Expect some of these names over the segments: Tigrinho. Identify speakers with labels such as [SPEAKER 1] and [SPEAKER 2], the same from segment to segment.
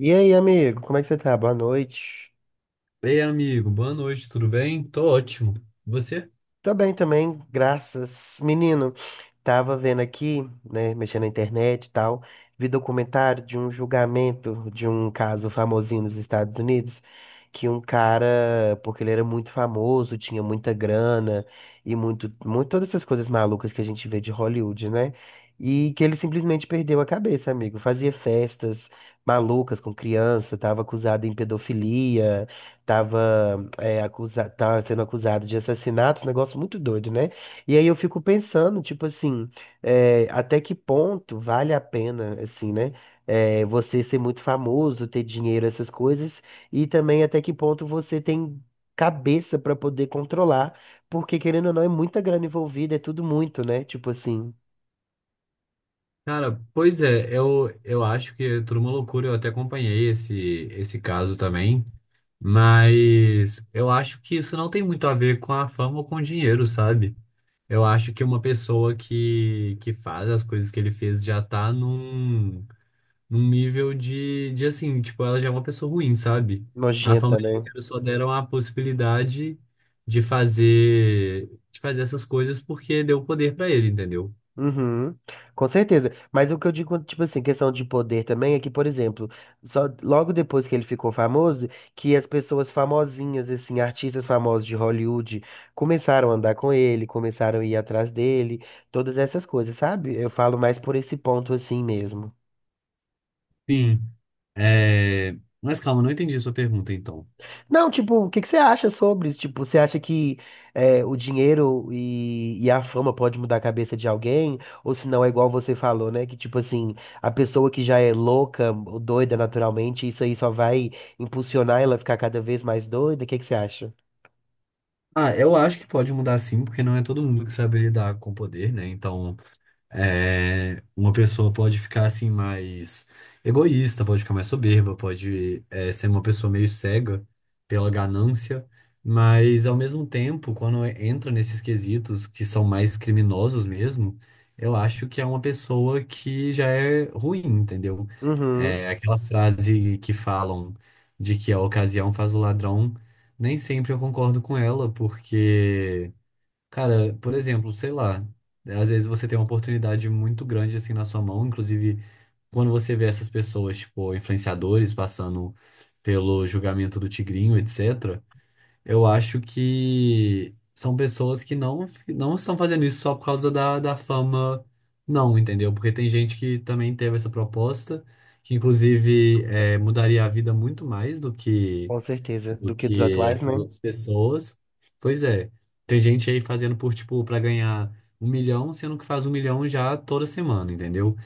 [SPEAKER 1] E aí, amigo, como é que você tá? Boa noite.
[SPEAKER 2] Ei, amigo, boa noite, tudo bem? Tô ótimo. Você?
[SPEAKER 1] Tô bem também, graças. Menino, tava vendo aqui, né, mexendo na internet e tal, vi documentário de um julgamento de um caso famosinho nos Estados Unidos, que um cara, porque ele era muito famoso, tinha muita grana e muito, muito todas essas coisas malucas que a gente vê de Hollywood, né? E que ele simplesmente perdeu a cabeça, amigo. Fazia festas malucas com criança, tava acusado em pedofilia. Tava, tava sendo acusado de assassinato, um negócio muito doido, né? E aí eu fico pensando, tipo assim, até que ponto vale a pena, assim, né? É, você ser muito famoso, ter dinheiro, essas coisas, e também até que ponto você tem cabeça pra poder controlar, porque querendo ou não, é muita grana envolvida, é tudo muito, né? Tipo assim,
[SPEAKER 2] Cara, pois é, eu acho que é tudo uma loucura, eu até acompanhei esse caso também, mas eu acho que isso não tem muito a ver com a fama ou com o dinheiro, sabe? Eu acho que uma pessoa que faz as coisas que ele fez já tá num nível de assim, tipo, ela já é uma pessoa ruim, sabe? A
[SPEAKER 1] nojenta,
[SPEAKER 2] família
[SPEAKER 1] né?
[SPEAKER 2] inteira só deram a possibilidade de fazer essas coisas porque deu poder pra ele, entendeu?
[SPEAKER 1] Uhum, com certeza. Mas o que eu digo, tipo assim, questão de poder também é que, por exemplo, só logo depois que ele ficou famoso, que as pessoas famosinhas, assim, artistas famosos de Hollywood, começaram a andar com ele, começaram a ir atrás dele, todas essas coisas, sabe? Eu falo mais por esse ponto assim mesmo.
[SPEAKER 2] Sim. Mas calma, não entendi a sua pergunta, então.
[SPEAKER 1] Não, tipo, o que que você acha sobre isso? Tipo, você acha que o dinheiro e a fama pode mudar a cabeça de alguém? Ou se não, é igual você falou, né? Que, tipo assim, a pessoa que já é louca ou doida naturalmente, isso aí só vai impulsionar ela a ficar cada vez mais doida? O que que você acha?
[SPEAKER 2] Ah, eu acho que pode mudar sim, porque não é todo mundo que sabe lidar com poder, né? Então. É, uma pessoa pode ficar assim mais egoísta, pode ficar mais soberba, pode ser uma pessoa meio cega pela ganância, mas ao mesmo tempo, quando entra nesses quesitos que são mais criminosos mesmo, eu acho que é uma pessoa que já é ruim, entendeu?
[SPEAKER 1] Uhum,
[SPEAKER 2] É aquela frase que falam de que a ocasião faz o ladrão, nem sempre eu concordo com ela, porque cara, por exemplo, sei lá, às vezes você tem uma oportunidade muito grande assim na sua mão, inclusive quando você vê essas pessoas, tipo, influenciadores passando pelo julgamento do Tigrinho, etc., eu acho que são pessoas que não estão fazendo isso só por causa da fama, não, entendeu? Porque tem gente que também teve essa proposta, que inclusive mudaria a vida muito mais
[SPEAKER 1] com certeza. Do
[SPEAKER 2] do
[SPEAKER 1] que dos
[SPEAKER 2] que
[SPEAKER 1] atuais,
[SPEAKER 2] essas
[SPEAKER 1] né?
[SPEAKER 2] outras pessoas. Pois é, tem gente aí fazendo por, tipo, para ganhar 1 milhão, sendo que faz 1 milhão já toda semana, entendeu?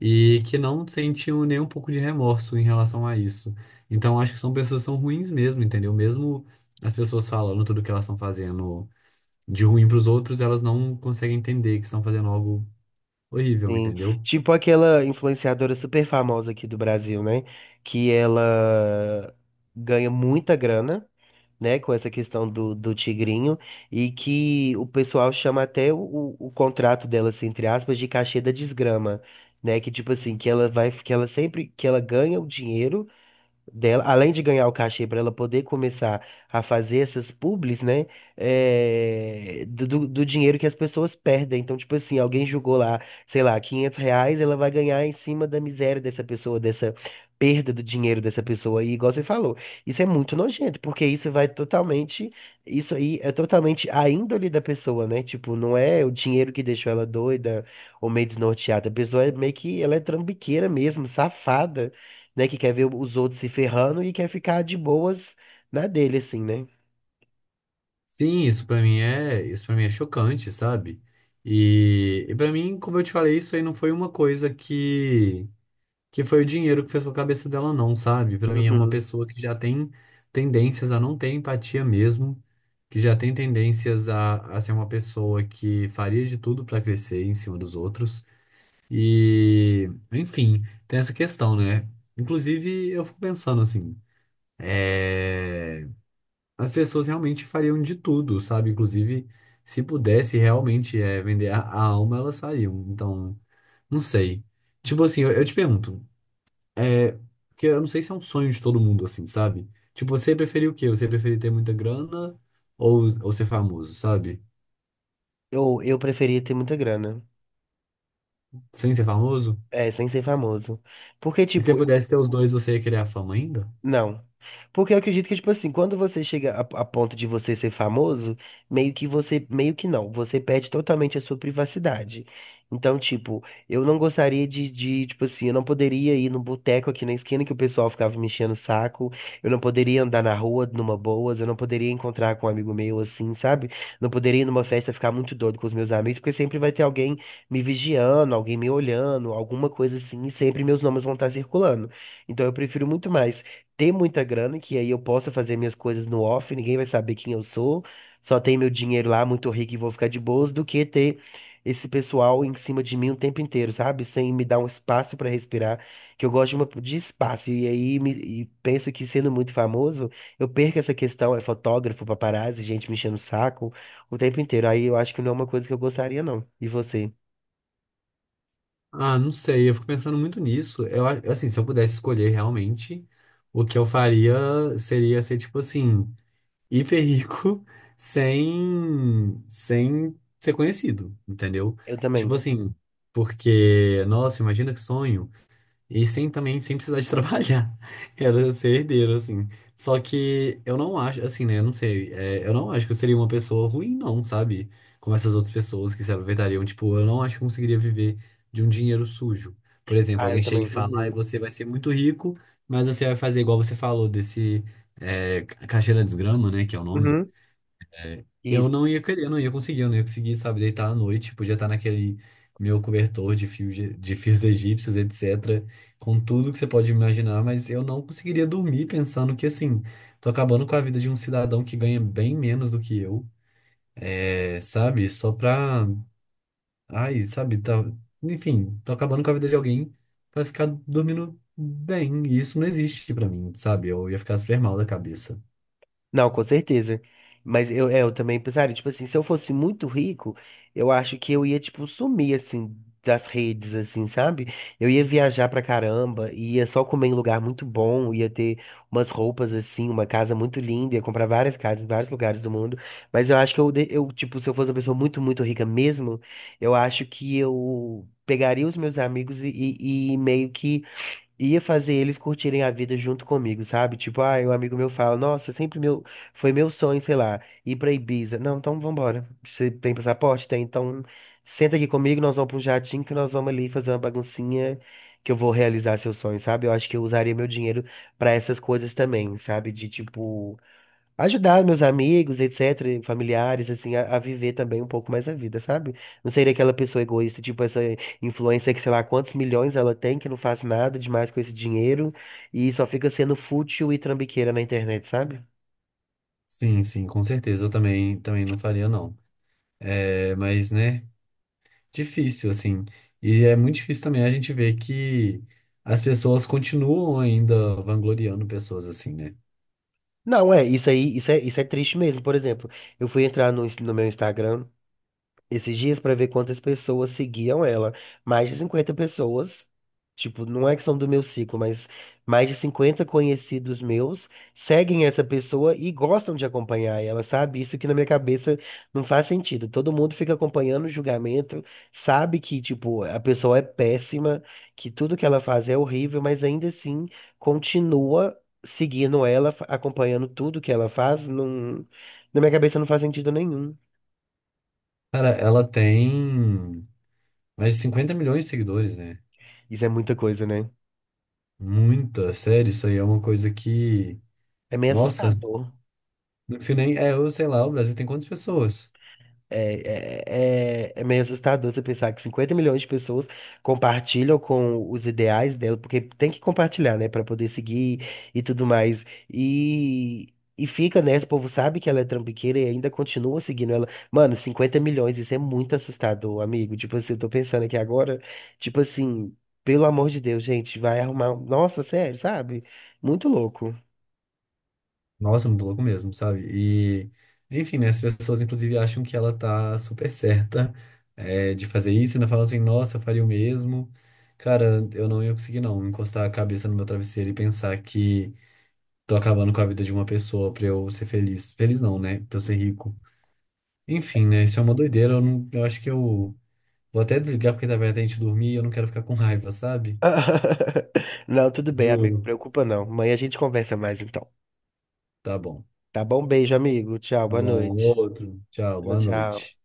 [SPEAKER 2] E que não sentiu nem um pouco de remorso em relação a isso. Então, acho que são pessoas que são ruins mesmo, entendeu? Mesmo as pessoas falando tudo que elas estão fazendo de ruim para os outros, elas não conseguem entender que estão fazendo algo horrível,
[SPEAKER 1] Sim.
[SPEAKER 2] entendeu?
[SPEAKER 1] Tipo aquela influenciadora super famosa aqui do Brasil, né? Que ela ganha muita grana. Né, com essa questão do tigrinho, e que o pessoal chama até o contrato dela, assim, entre aspas, de cachê da desgrama, né, que tipo assim, que ela vai, que ela sempre, que ela ganha o dinheiro dela, além de ganhar o cachê para ela poder começar a fazer essas publis, né? Do dinheiro que as pessoas perdem. Então, tipo assim, alguém jogou lá, sei lá, 500 reais, ela vai ganhar em cima da miséria dessa pessoa, dessa perda do dinheiro dessa pessoa. E igual você falou, isso é muito nojento, porque isso aí é totalmente a índole da pessoa, né? Tipo, não é o dinheiro que deixou ela doida ou meio desnorteada. A pessoa é meio que, ela é trambiqueira mesmo, safada, né? Que quer ver os outros se ferrando e quer ficar de boas na dele, assim, né?
[SPEAKER 2] Sim, isso isso para mim é chocante, sabe? E para mim, como eu te falei, isso aí não foi uma coisa que foi o dinheiro que fez com a cabeça dela não, sabe? Pra mim é uma
[SPEAKER 1] Uhum.
[SPEAKER 2] pessoa que já tem tendências a não ter empatia mesmo, que já tem tendências a ser uma pessoa que faria de tudo pra crescer em cima dos outros. E, enfim, tem essa questão, né? Inclusive, eu fico pensando assim, é as pessoas realmente fariam de tudo, sabe? Inclusive, se pudesse realmente vender a alma, elas fariam. Então, não sei. Tipo assim, eu te pergunto, é, que eu não sei se é um sonho de todo mundo, assim, sabe? Tipo, você preferia o quê? Você preferia ter muita grana ou ser famoso, sabe?
[SPEAKER 1] Eu preferia ter muita grana.
[SPEAKER 2] Sem ser famoso?
[SPEAKER 1] É, sem ser famoso. Porque,
[SPEAKER 2] E se você
[SPEAKER 1] tipo,
[SPEAKER 2] pudesse ter os dois, você ia querer a fama ainda?
[SPEAKER 1] não. Porque eu acredito que, tipo assim, quando você chega a ponto de você ser famoso, meio que você, meio que não, você perde totalmente a sua privacidade. Então, tipo, eu não gostaria tipo assim, eu não poderia ir no boteco aqui na esquina que o pessoal ficava me enchendo o saco, eu não poderia andar na rua numa boas, eu não poderia encontrar com um amigo meu assim, sabe? Não poderia ir numa festa ficar muito doido com os meus amigos, porque sempre vai ter alguém me vigiando, alguém me olhando, alguma coisa assim, e sempre meus nomes vão estar circulando. Então eu prefiro muito mais ter muita grana, que aí eu possa fazer minhas coisas no off, ninguém vai saber quem eu sou, só tem meu dinheiro lá, muito rico e vou ficar de boas, do que ter esse pessoal em cima de mim o tempo inteiro, sabe? Sem me dar um espaço pra respirar, que eu gosto de espaço. E aí penso que sendo muito famoso, eu perco essa questão, é fotógrafo, paparazzi, gente me enchendo o saco o tempo inteiro. Aí eu acho que não é uma coisa que eu gostaria, não. E você?
[SPEAKER 2] Ah, não sei, eu fico pensando muito nisso. Assim, se eu pudesse escolher realmente, o que eu faria seria ser tipo assim, hiper rico, sem ser conhecido, entendeu?
[SPEAKER 1] Eu
[SPEAKER 2] Tipo
[SPEAKER 1] também.
[SPEAKER 2] assim, porque, nossa, imagina que sonho. E sem também, sem precisar de trabalhar. Era ser herdeiro, assim. Só que eu não acho, assim, né? Eu não sei. Eu não acho que eu seria uma pessoa ruim, não, sabe? Como essas outras pessoas que se aproveitariam. Tipo, eu não acho que eu conseguiria viver de um dinheiro sujo. Por exemplo,
[SPEAKER 1] Ah, eu
[SPEAKER 2] alguém chega e
[SPEAKER 1] também.
[SPEAKER 2] fala, ah,
[SPEAKER 1] Uhum.
[SPEAKER 2] você vai ser muito rico, mas você vai fazer igual você falou, desse caixeira desgrama, né? Que é o nome.
[SPEAKER 1] Uhum.
[SPEAKER 2] Eu
[SPEAKER 1] Isso.
[SPEAKER 2] não ia querer, eu não ia conseguir, sabe, deitar à noite, podia estar naquele meu cobertor de fios, de fios egípcios, etc, com tudo que você pode imaginar, mas eu não conseguiria dormir pensando que, assim, tô acabando com a vida de um cidadão que ganha bem menos do que eu, sabe, só pra, ai, sabe, tá, enfim, tô acabando com a vida de alguém pra ficar dormindo bem, e isso não existe pra mim, sabe, eu ia ficar super mal da cabeça.
[SPEAKER 1] Não, com certeza. Mas eu, é, eu também pensaria, tipo assim, se eu fosse muito rico, eu acho que eu ia, tipo, sumir, assim, das redes, assim, sabe? Eu ia viajar pra caramba, ia só comer em lugar muito bom, ia ter umas roupas, assim, uma casa muito linda, ia comprar várias casas em vários lugares do mundo. Mas eu acho que eu, de- eu, tipo, se eu fosse uma pessoa muito, muito rica mesmo, eu acho que eu pegaria os meus amigos e meio que ia fazer eles curtirem a vida junto comigo, sabe? Tipo, ah, um amigo meu fala, nossa, sempre meu, foi meu sonho, sei lá, ir pra Ibiza. Não, então vambora. Você tem passaporte? Tem, então senta aqui comigo, nós vamos pra um jatinho que nós vamos ali fazer uma baguncinha que eu vou realizar seu sonho, sabe? Eu acho que eu usaria meu dinheiro pra essas coisas também, sabe? De tipo ajudar meus amigos, etc., familiares, assim, a viver também um pouco mais a vida, sabe? Não ser aquela pessoa egoísta, tipo essa influencer que sei lá quantos milhões ela tem, que não faz nada demais com esse dinheiro e só fica sendo fútil e trambiqueira na internet, sabe?
[SPEAKER 2] Sim, sim, com certeza, eu também, também não faria, não. É, mas, né, difícil, assim. E é muito difícil também a gente ver que as pessoas continuam ainda vangloriando pessoas assim, né?
[SPEAKER 1] Não, é, isso aí, isso é triste mesmo. Por exemplo, eu fui entrar no, ins- no meu Instagram esses dias pra ver quantas pessoas seguiam ela. Mais de 50 pessoas, tipo, não é que são do meu ciclo, mas mais de 50 conhecidos meus seguem essa pessoa e gostam de acompanhar ela, sabe? Isso que na minha cabeça não faz sentido. Todo mundo fica acompanhando o julgamento, sabe que, tipo, a pessoa é péssima, que tudo que ela faz é horrível, mas ainda assim continua seguindo ela, acompanhando tudo que ela faz, não... Na minha cabeça não faz sentido nenhum.
[SPEAKER 2] Cara, ela tem mais de 50 milhões de seguidores, né?
[SPEAKER 1] Isso é muita coisa, né?
[SPEAKER 2] Muita, sério, isso aí é uma coisa que.
[SPEAKER 1] É meio
[SPEAKER 2] Nossa,
[SPEAKER 1] assustador.
[SPEAKER 2] não sei nem. É, eu sei lá, o Brasil tem quantas pessoas?
[SPEAKER 1] É, é, é, é meio assustador você pensar que 50 milhões de pessoas compartilham com os ideais dela, porque tem que compartilhar, né, pra poder seguir e tudo mais. E, e fica nessa, o povo sabe que ela é trambiqueira e ainda continua seguindo ela. Mano, 50 milhões, isso é muito assustador, amigo. Tipo assim, eu tô pensando aqui agora, tipo assim, pelo amor de Deus, gente, vai arrumar. Nossa, sério, sabe? Muito louco.
[SPEAKER 2] Nossa, muito louco mesmo, sabe? E, enfim, né? As pessoas, inclusive, acham que ela tá super certa, de fazer isso, e ainda falam assim, nossa, eu faria o mesmo. Cara, eu não ia conseguir, não, encostar a cabeça no meu travesseiro e pensar que tô acabando com a vida de uma pessoa pra eu ser feliz. Feliz não, né? Pra eu ser rico. Enfim, né? Isso é uma doideira. Eu, não, eu acho que eu vou até desligar porque tá bem até a gente dormir e eu não quero ficar com raiva, sabe?
[SPEAKER 1] Não, tudo bem, amigo.
[SPEAKER 2] Juro.
[SPEAKER 1] Preocupa não. Amanhã a gente conversa mais então.
[SPEAKER 2] Tá bom.
[SPEAKER 1] Tá bom? Beijo, amigo. Tchau,
[SPEAKER 2] Tá
[SPEAKER 1] boa
[SPEAKER 2] bom.
[SPEAKER 1] noite.
[SPEAKER 2] Outro. Tchau.
[SPEAKER 1] Tchau,
[SPEAKER 2] Boa
[SPEAKER 1] tchau.
[SPEAKER 2] noite.